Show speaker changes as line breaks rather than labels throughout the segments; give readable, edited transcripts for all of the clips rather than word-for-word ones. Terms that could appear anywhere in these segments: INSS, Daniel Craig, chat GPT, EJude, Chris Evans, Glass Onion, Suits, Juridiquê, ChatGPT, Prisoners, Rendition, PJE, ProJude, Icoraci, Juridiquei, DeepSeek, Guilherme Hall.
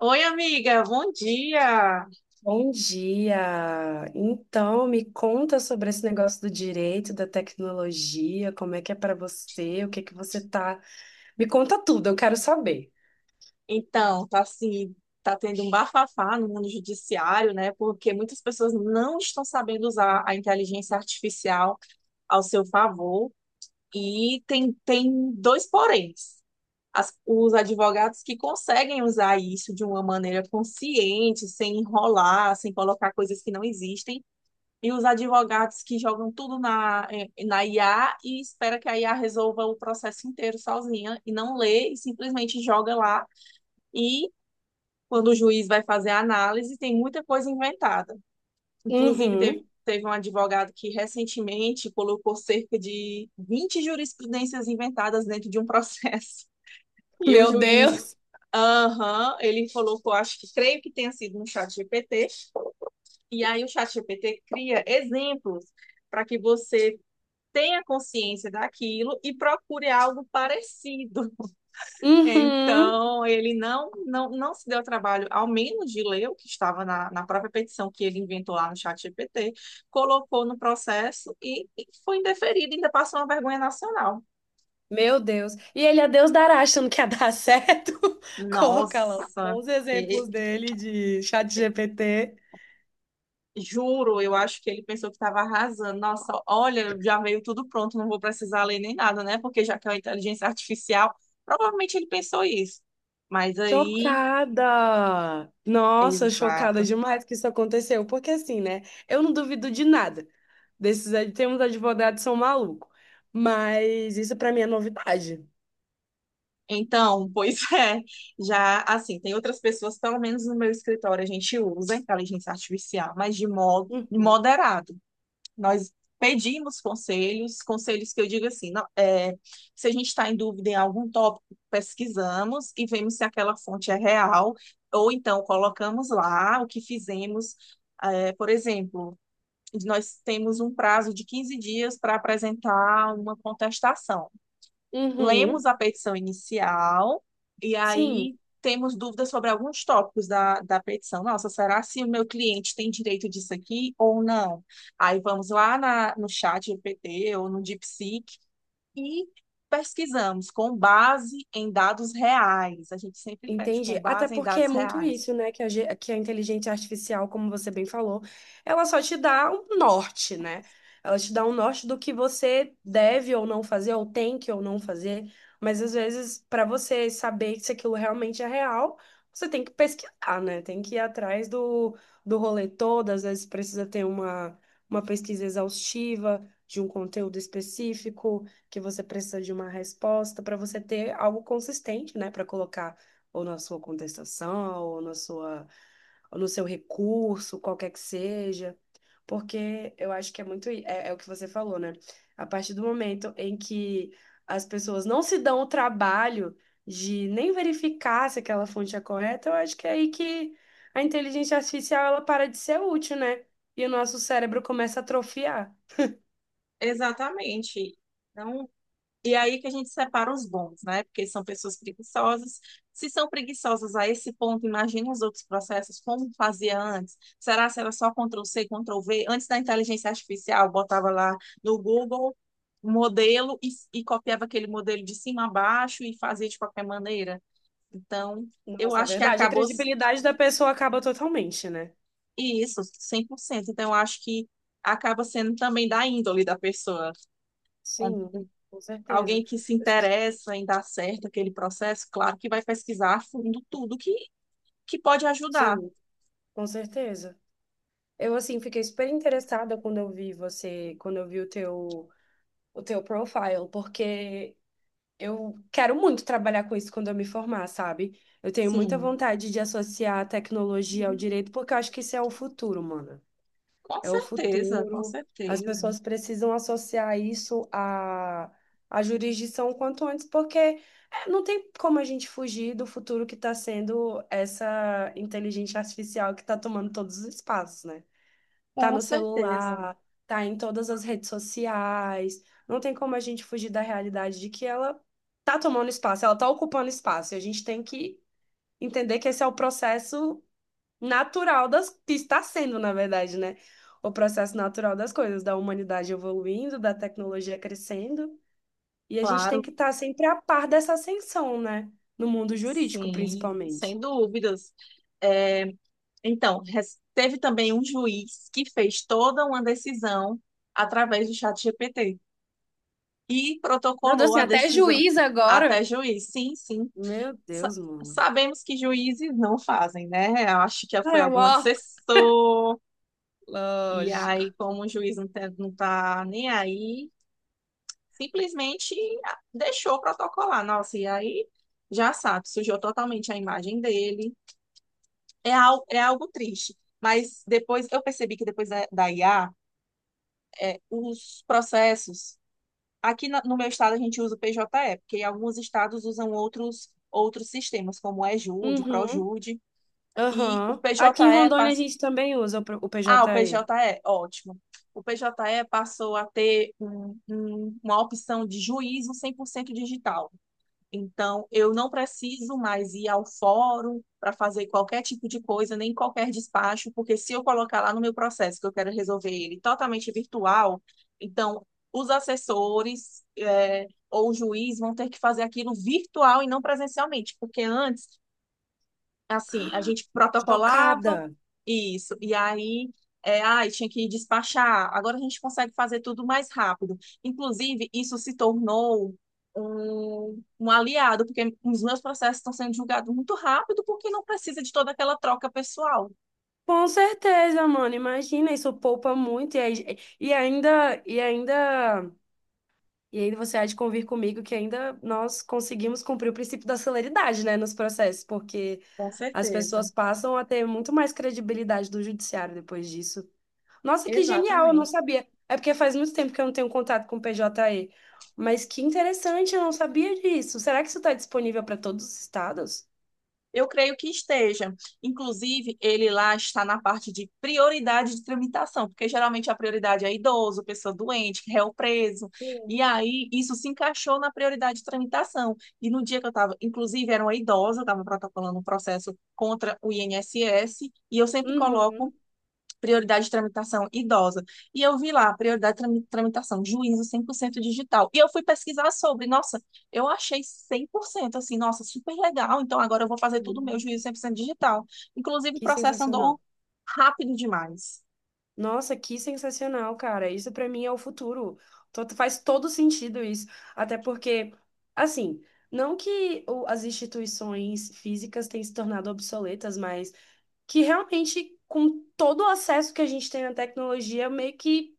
Oi, amiga, bom dia.
Bom dia! Então, me conta sobre esse negócio do direito, da tecnologia, como é que é para você, o que é que você tá. Me conta tudo, eu quero saber.
Então, tá assim, tá tendo um bafafá no mundo judiciário, né? Porque muitas pessoas não estão sabendo usar a inteligência artificial ao seu favor e tem dois poréns. Os advogados que conseguem usar isso de uma maneira consciente, sem enrolar, sem colocar coisas que não existem. E os advogados que jogam tudo na IA e espera que a IA resolva o processo inteiro sozinha e não lê e simplesmente joga lá. E quando o juiz vai fazer a análise, tem muita coisa inventada. Inclusive, teve,
Uhum.
teve um advogado que recentemente colocou cerca de 20 jurisprudências inventadas dentro de um processo. E o
Meu
juiz,
Deus!
aham, ele colocou, acho que creio que tenha sido no chat GPT. E aí o chat GPT cria exemplos para que você tenha consciência daquilo e procure algo parecido.
Uhum.
Então, ele não se deu ao trabalho, ao menos de ler o que estava na, na própria petição que ele inventou lá no chat GPT, colocou no processo e foi indeferido, ainda passou uma vergonha nacional.
Meu Deus! E ele é Deus dará, achando que ia dar certo. Coloca lá
Nossa,
bons
e-
exemplos dele de chat GPT.
juro, eu acho que ele pensou que estava arrasando. Nossa, olha, já veio tudo pronto, não vou precisar ler nem nada, né? Porque já que é uma inteligência artificial, provavelmente ele pensou isso. Mas aí
Chocada! Nossa, chocada
exato.
demais que isso aconteceu. Porque assim, né? Eu não duvido de nada. Desses, tem uns advogados que são malucos. Mas isso pra mim é novidade.
Então, pois é, já assim, tem outras pessoas, pelo menos no meu escritório, a gente usa a inteligência artificial, mas de modo
Hum.
moderado. Nós pedimos conselhos, conselhos que eu digo assim, não, é, se a gente está em dúvida em algum tópico, pesquisamos e vemos se aquela fonte é real, ou então colocamos lá o que fizemos. É, por exemplo, nós temos um prazo de 15 dias para apresentar uma contestação. Lemos
Uhum.
a petição inicial e
Sim.
aí temos dúvidas sobre alguns tópicos da petição. Nossa, será se o meu cliente tem direito disso aqui ou não? Aí vamos lá no chat GPT ou no DeepSeek e pesquisamos com base em dados reais. A gente sempre pede com
Entendi. Até
base em
porque é
dados
muito
reais.
isso, né? Que a inteligência artificial, como você bem falou, ela só te dá um norte, né? Ela te dá um norte do que você deve ou não fazer, ou tem que ou não fazer. Mas às vezes, para você saber se aquilo realmente é real, você tem que pesquisar, né? Tem que ir atrás do rolê todo. Às vezes precisa ter uma pesquisa exaustiva de um conteúdo específico, que você precisa de uma resposta para você ter algo consistente, né? Para colocar ou na sua contestação, ou no seu recurso, qualquer que seja, porque eu acho que é é o que você falou, né? A partir do momento em que as pessoas não se dão o trabalho de nem verificar se aquela fonte é correta, eu acho que é aí que a inteligência artificial ela para de ser útil, né? E o nosso cérebro começa a atrofiar.
Exatamente. Então, e aí que a gente separa os bons, né? Porque são pessoas preguiçosas. Se são preguiçosas a esse ponto, imagina os outros processos, como fazia antes. Será se era só control C, control V? Antes da inteligência artificial, botava lá no Google um modelo e copiava aquele modelo de cima a baixo e fazia de qualquer maneira. Então, eu
Nossa, é
acho que
verdade. A
acabou
credibilidade da pessoa acaba totalmente, né?
isso, 100%. Então, eu acho que acaba sendo também da índole da pessoa.
Sim, com certeza.
Alguém que se
Eu fiquei-
interessa em dar certo aquele processo, claro que vai pesquisar a fundo tudo que pode ajudar.
Sim. Com certeza. Eu assim fiquei super interessada quando eu vi você, quando eu vi o teu profile, porque eu quero muito trabalhar com isso quando eu me formar, sabe? Eu tenho muita
Sim,
vontade de associar a tecnologia ao direito, porque eu acho que isso é o futuro, mano.
com
É o
certeza, com
futuro. As
certeza,
pessoas precisam associar à jurisdição o quanto antes, porque não tem como a gente fugir do futuro que está sendo essa inteligência artificial que está tomando todos os espaços, né? Tá
com
no
certeza,
celular, tá em todas as redes sociais. Não tem como a gente fugir da realidade de que ela tá tomando espaço, ela tá ocupando espaço. E a gente tem que entender que esse é o processo natural das que está sendo, na verdade, né? O processo natural das coisas, da humanidade evoluindo, da tecnologia crescendo. E a gente tem
claro,
que estar sempre a par dessa ascensão, né? No mundo jurídico,
sim,
principalmente.
sem dúvidas. É, então, teve também um juiz que fez toda uma decisão através do chat GPT e
Meu Deus,
protocolou
tem
a
até
decisão
juiz agora.
até juiz. Sim, sim,
Meu
sa-
Deus, mano.
sabemos que juízes não fazem, né? Eu acho que foi
É,
algum
ó,
assessor, e aí,
lógico.
como o juiz não tá nem aí, simplesmente deixou protocolar. Nossa, e aí já sabe, sujou totalmente a imagem dele. É, al é algo triste. Mas depois eu percebi que depois da IA, é, os processos. Aqui no meu estado a gente usa o PJE, porque alguns estados usam outros, outros sistemas, como o EJude,
Uhum,
ProJude. E o
aham. Aqui em
PJE
Rondônia a
passa.
gente também usa o
Ah, o
PJE.
PJE, ótimo. O PJE passou a ter uma opção de juízo 100% digital. Então, eu não preciso mais ir ao fórum para fazer qualquer tipo de coisa, nem qualquer despacho, porque se eu colocar lá no meu processo que eu quero resolver ele totalmente virtual, então os assessores, ou o juiz vão ter que fazer aquilo virtual e não presencialmente, porque antes assim, a gente protocolava
Chocada.
isso, e aí, tinha que despachar. Agora a gente consegue fazer tudo mais rápido. Inclusive, isso se tornou um aliado, porque os meus processos estão sendo julgados muito rápido, porque não precisa de toda aquela troca pessoal.
Com certeza, mano. Imagina, isso poupa muito. E ainda. E aí você há de convir comigo que ainda nós conseguimos cumprir o princípio da celeridade, né, nos processos, porque
Com
as
certeza,
pessoas passam a ter muito mais credibilidade do judiciário depois disso. Nossa, que genial, eu não
exatamente.
sabia. É porque faz muito tempo que eu não tenho contato com o PJE. Mas que interessante, eu não sabia disso. Será que isso está disponível para todos os estados?
Eu creio que esteja. Inclusive, ele lá está na parte de prioridade de tramitação, porque geralmente a prioridade é idoso, pessoa doente, réu preso.
Sim.
E aí, isso se encaixou na prioridade de tramitação. E no dia que eu estava, inclusive, era uma idosa, eu estava protocolando um processo contra o INSS, e eu sempre coloco
Uhum.
prioridade de tramitação idosa. E eu vi lá, prioridade de tramitação, juízo 100% digital. E eu fui pesquisar sobre, nossa, eu achei 100%, assim, nossa, super legal. Então agora eu vou fazer tudo meu
Uhum.
juízo 100% digital. Inclusive, o
Que
processo
sensacional.
andou rápido demais.
Nossa, que sensacional, cara. Isso para mim é o futuro. Faz todo sentido isso. Até porque, assim, não que as instituições físicas tenham se tornado obsoletas, mas que realmente, com todo o acesso que a gente tem à tecnologia, meio que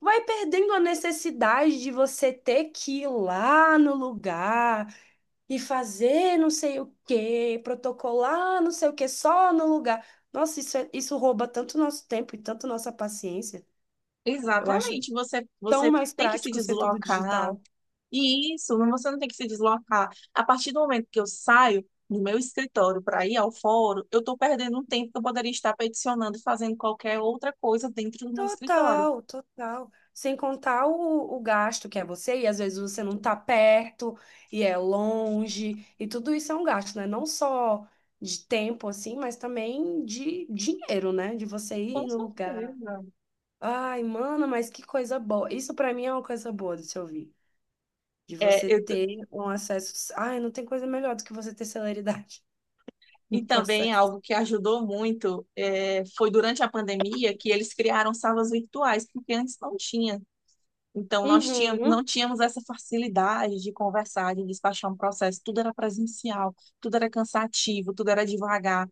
vai perdendo a necessidade de você ter que ir lá no lugar e fazer não sei o quê, protocolar não sei o quê, só no lugar. Nossa, isso rouba tanto nosso tempo e tanto nossa paciência. Eu acho
Exatamente, você,
tão
você
mais
tem que se
prático ser tudo
deslocar.
digital.
E isso, você não tem que se deslocar. A partir do momento que eu saio do meu escritório para ir ao fórum, eu estou perdendo um tempo que eu poderia estar peticionando, e fazendo qualquer outra coisa dentro do meu escritório.
Total, total. Sem contar o gasto que é você, e às vezes você não tá perto e é longe, e tudo isso é um gasto, né? Não só de tempo, assim, mas também de dinheiro, né? De você
Com
ir no lugar.
certeza.
Ai, mano, mas que coisa boa. Isso pra mim é uma coisa boa de se ouvir. De
É,
você ter um acesso. Ai, não tem coisa melhor do que você ter celeridade
e
no
também
processo.
algo que ajudou muito foi durante a pandemia que eles criaram salas virtuais, porque antes não tinha. Então, nós tínhamos,
Uhum,
não tínhamos essa facilidade de conversar, de despachar um processo. Tudo era presencial, tudo era cansativo, tudo era devagar.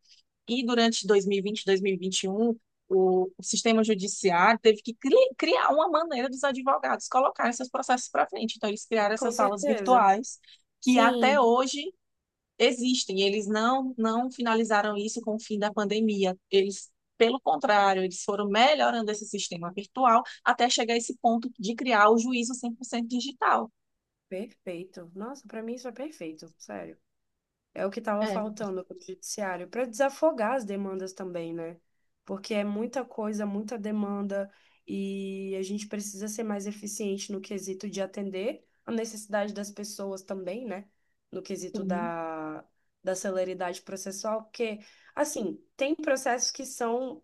E durante 2020, 2021, o sistema judiciário teve que criar uma maneira dos advogados colocarem seus processos para frente. Então, eles criaram
com
essas salas
certeza.
virtuais, que até
Sim,
hoje existem. Eles não finalizaram isso com o fim da pandemia. Eles, pelo contrário, eles foram melhorando esse sistema virtual até chegar a esse ponto de criar o juízo 100% digital.
perfeito. Nossa, pra mim isso é perfeito, sério. É o que estava
É,
faltando para o judiciário, para desafogar as demandas também, né? Porque é muita coisa, muita demanda, e a gente precisa ser mais eficiente no quesito de atender a necessidade das pessoas também, né? No quesito
sim.
da celeridade processual, porque, assim, tem processos que são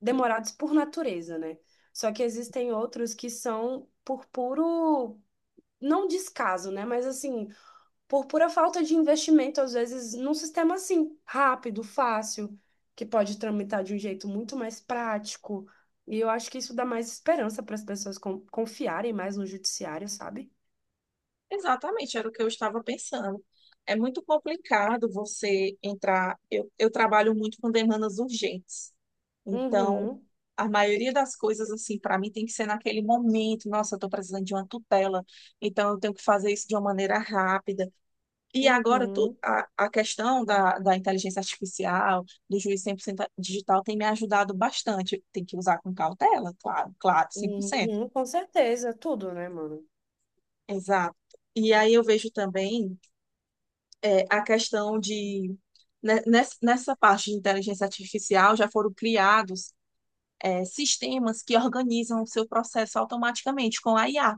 demorados por natureza, né? Só que existem outros que são por puro, não descaso, né? Mas assim por pura falta de investimento, às vezes, num sistema assim, rápido, fácil, que pode tramitar de um jeito muito mais prático. E eu acho que isso dá mais esperança para as pessoas confiarem mais no judiciário, sabe?
Exatamente, era o que eu estava pensando. É muito complicado você entrar. Eu trabalho muito com demandas urgentes. Então,
Uhum,
a maioria das coisas, assim, para mim tem que ser naquele momento. Nossa, eu estou precisando de uma tutela. Então, eu tenho que fazer isso de uma maneira rápida. E agora tu-
uhum,
a, a questão da inteligência artificial, do juiz 100% digital, tem me ajudado bastante. Tem que usar com cautela, claro, claro, 100%.
uhum, com certeza, tudo, né, mano?
Exato. E aí eu vejo também é, a questão de, né, nessa parte de inteligência artificial, já foram criados é, sistemas que organizam o seu processo automaticamente com a IA.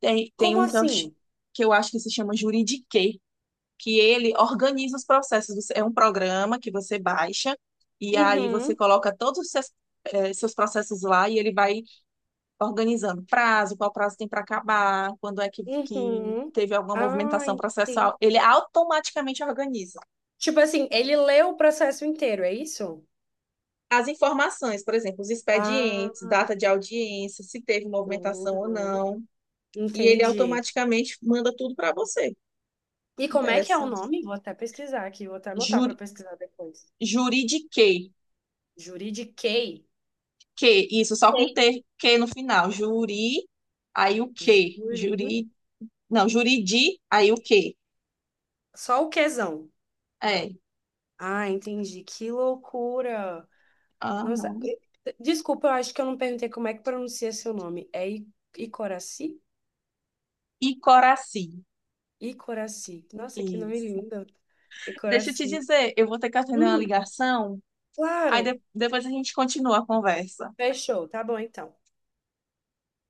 Tem
Como
um que eu, ch-
assim?
que eu acho que se chama Juridiquê, que ele organiza os processos. É um programa que você baixa e aí você
Uhum,
coloca todos os seus processos lá e ele vai organizando prazo, qual prazo tem para acabar, quando é que
uhum.
teve alguma
Ah,
movimentação processual.
entendi.
Ele automaticamente organiza.
Tipo assim, ele leu o processo inteiro, é isso?
As informações, por exemplo, os
Ah,
expedientes, data de audiência, se teve movimentação ou
uhum,
não, e ele
entendi.
automaticamente manda tudo para você.
E como é que é o
Interessante.
nome? Vou até pesquisar aqui, vou até anotar para
Juri,
pesquisar depois.
juridiquei.
Juridiquei.
Que, isso, só com
Sei.
T, que no final. Juri, aí o que?
Juri.
Juri, não, juridi, aí o que?
Só o quezão.
É.
Ah, entendi. Que loucura. Nossa.
Aham.
Desculpa, eu acho que eu não perguntei como é que pronuncia seu nome. Icoraci?
E coraci.
Icoraci. Nossa, que nome
Isso.
lindo.
Deixa eu te
Icoraci.
dizer, eu vou ter que atender uma
Hum,
ligação, aí
claro.
depois a gente continua a conversa.
Fechou. Tá bom, então.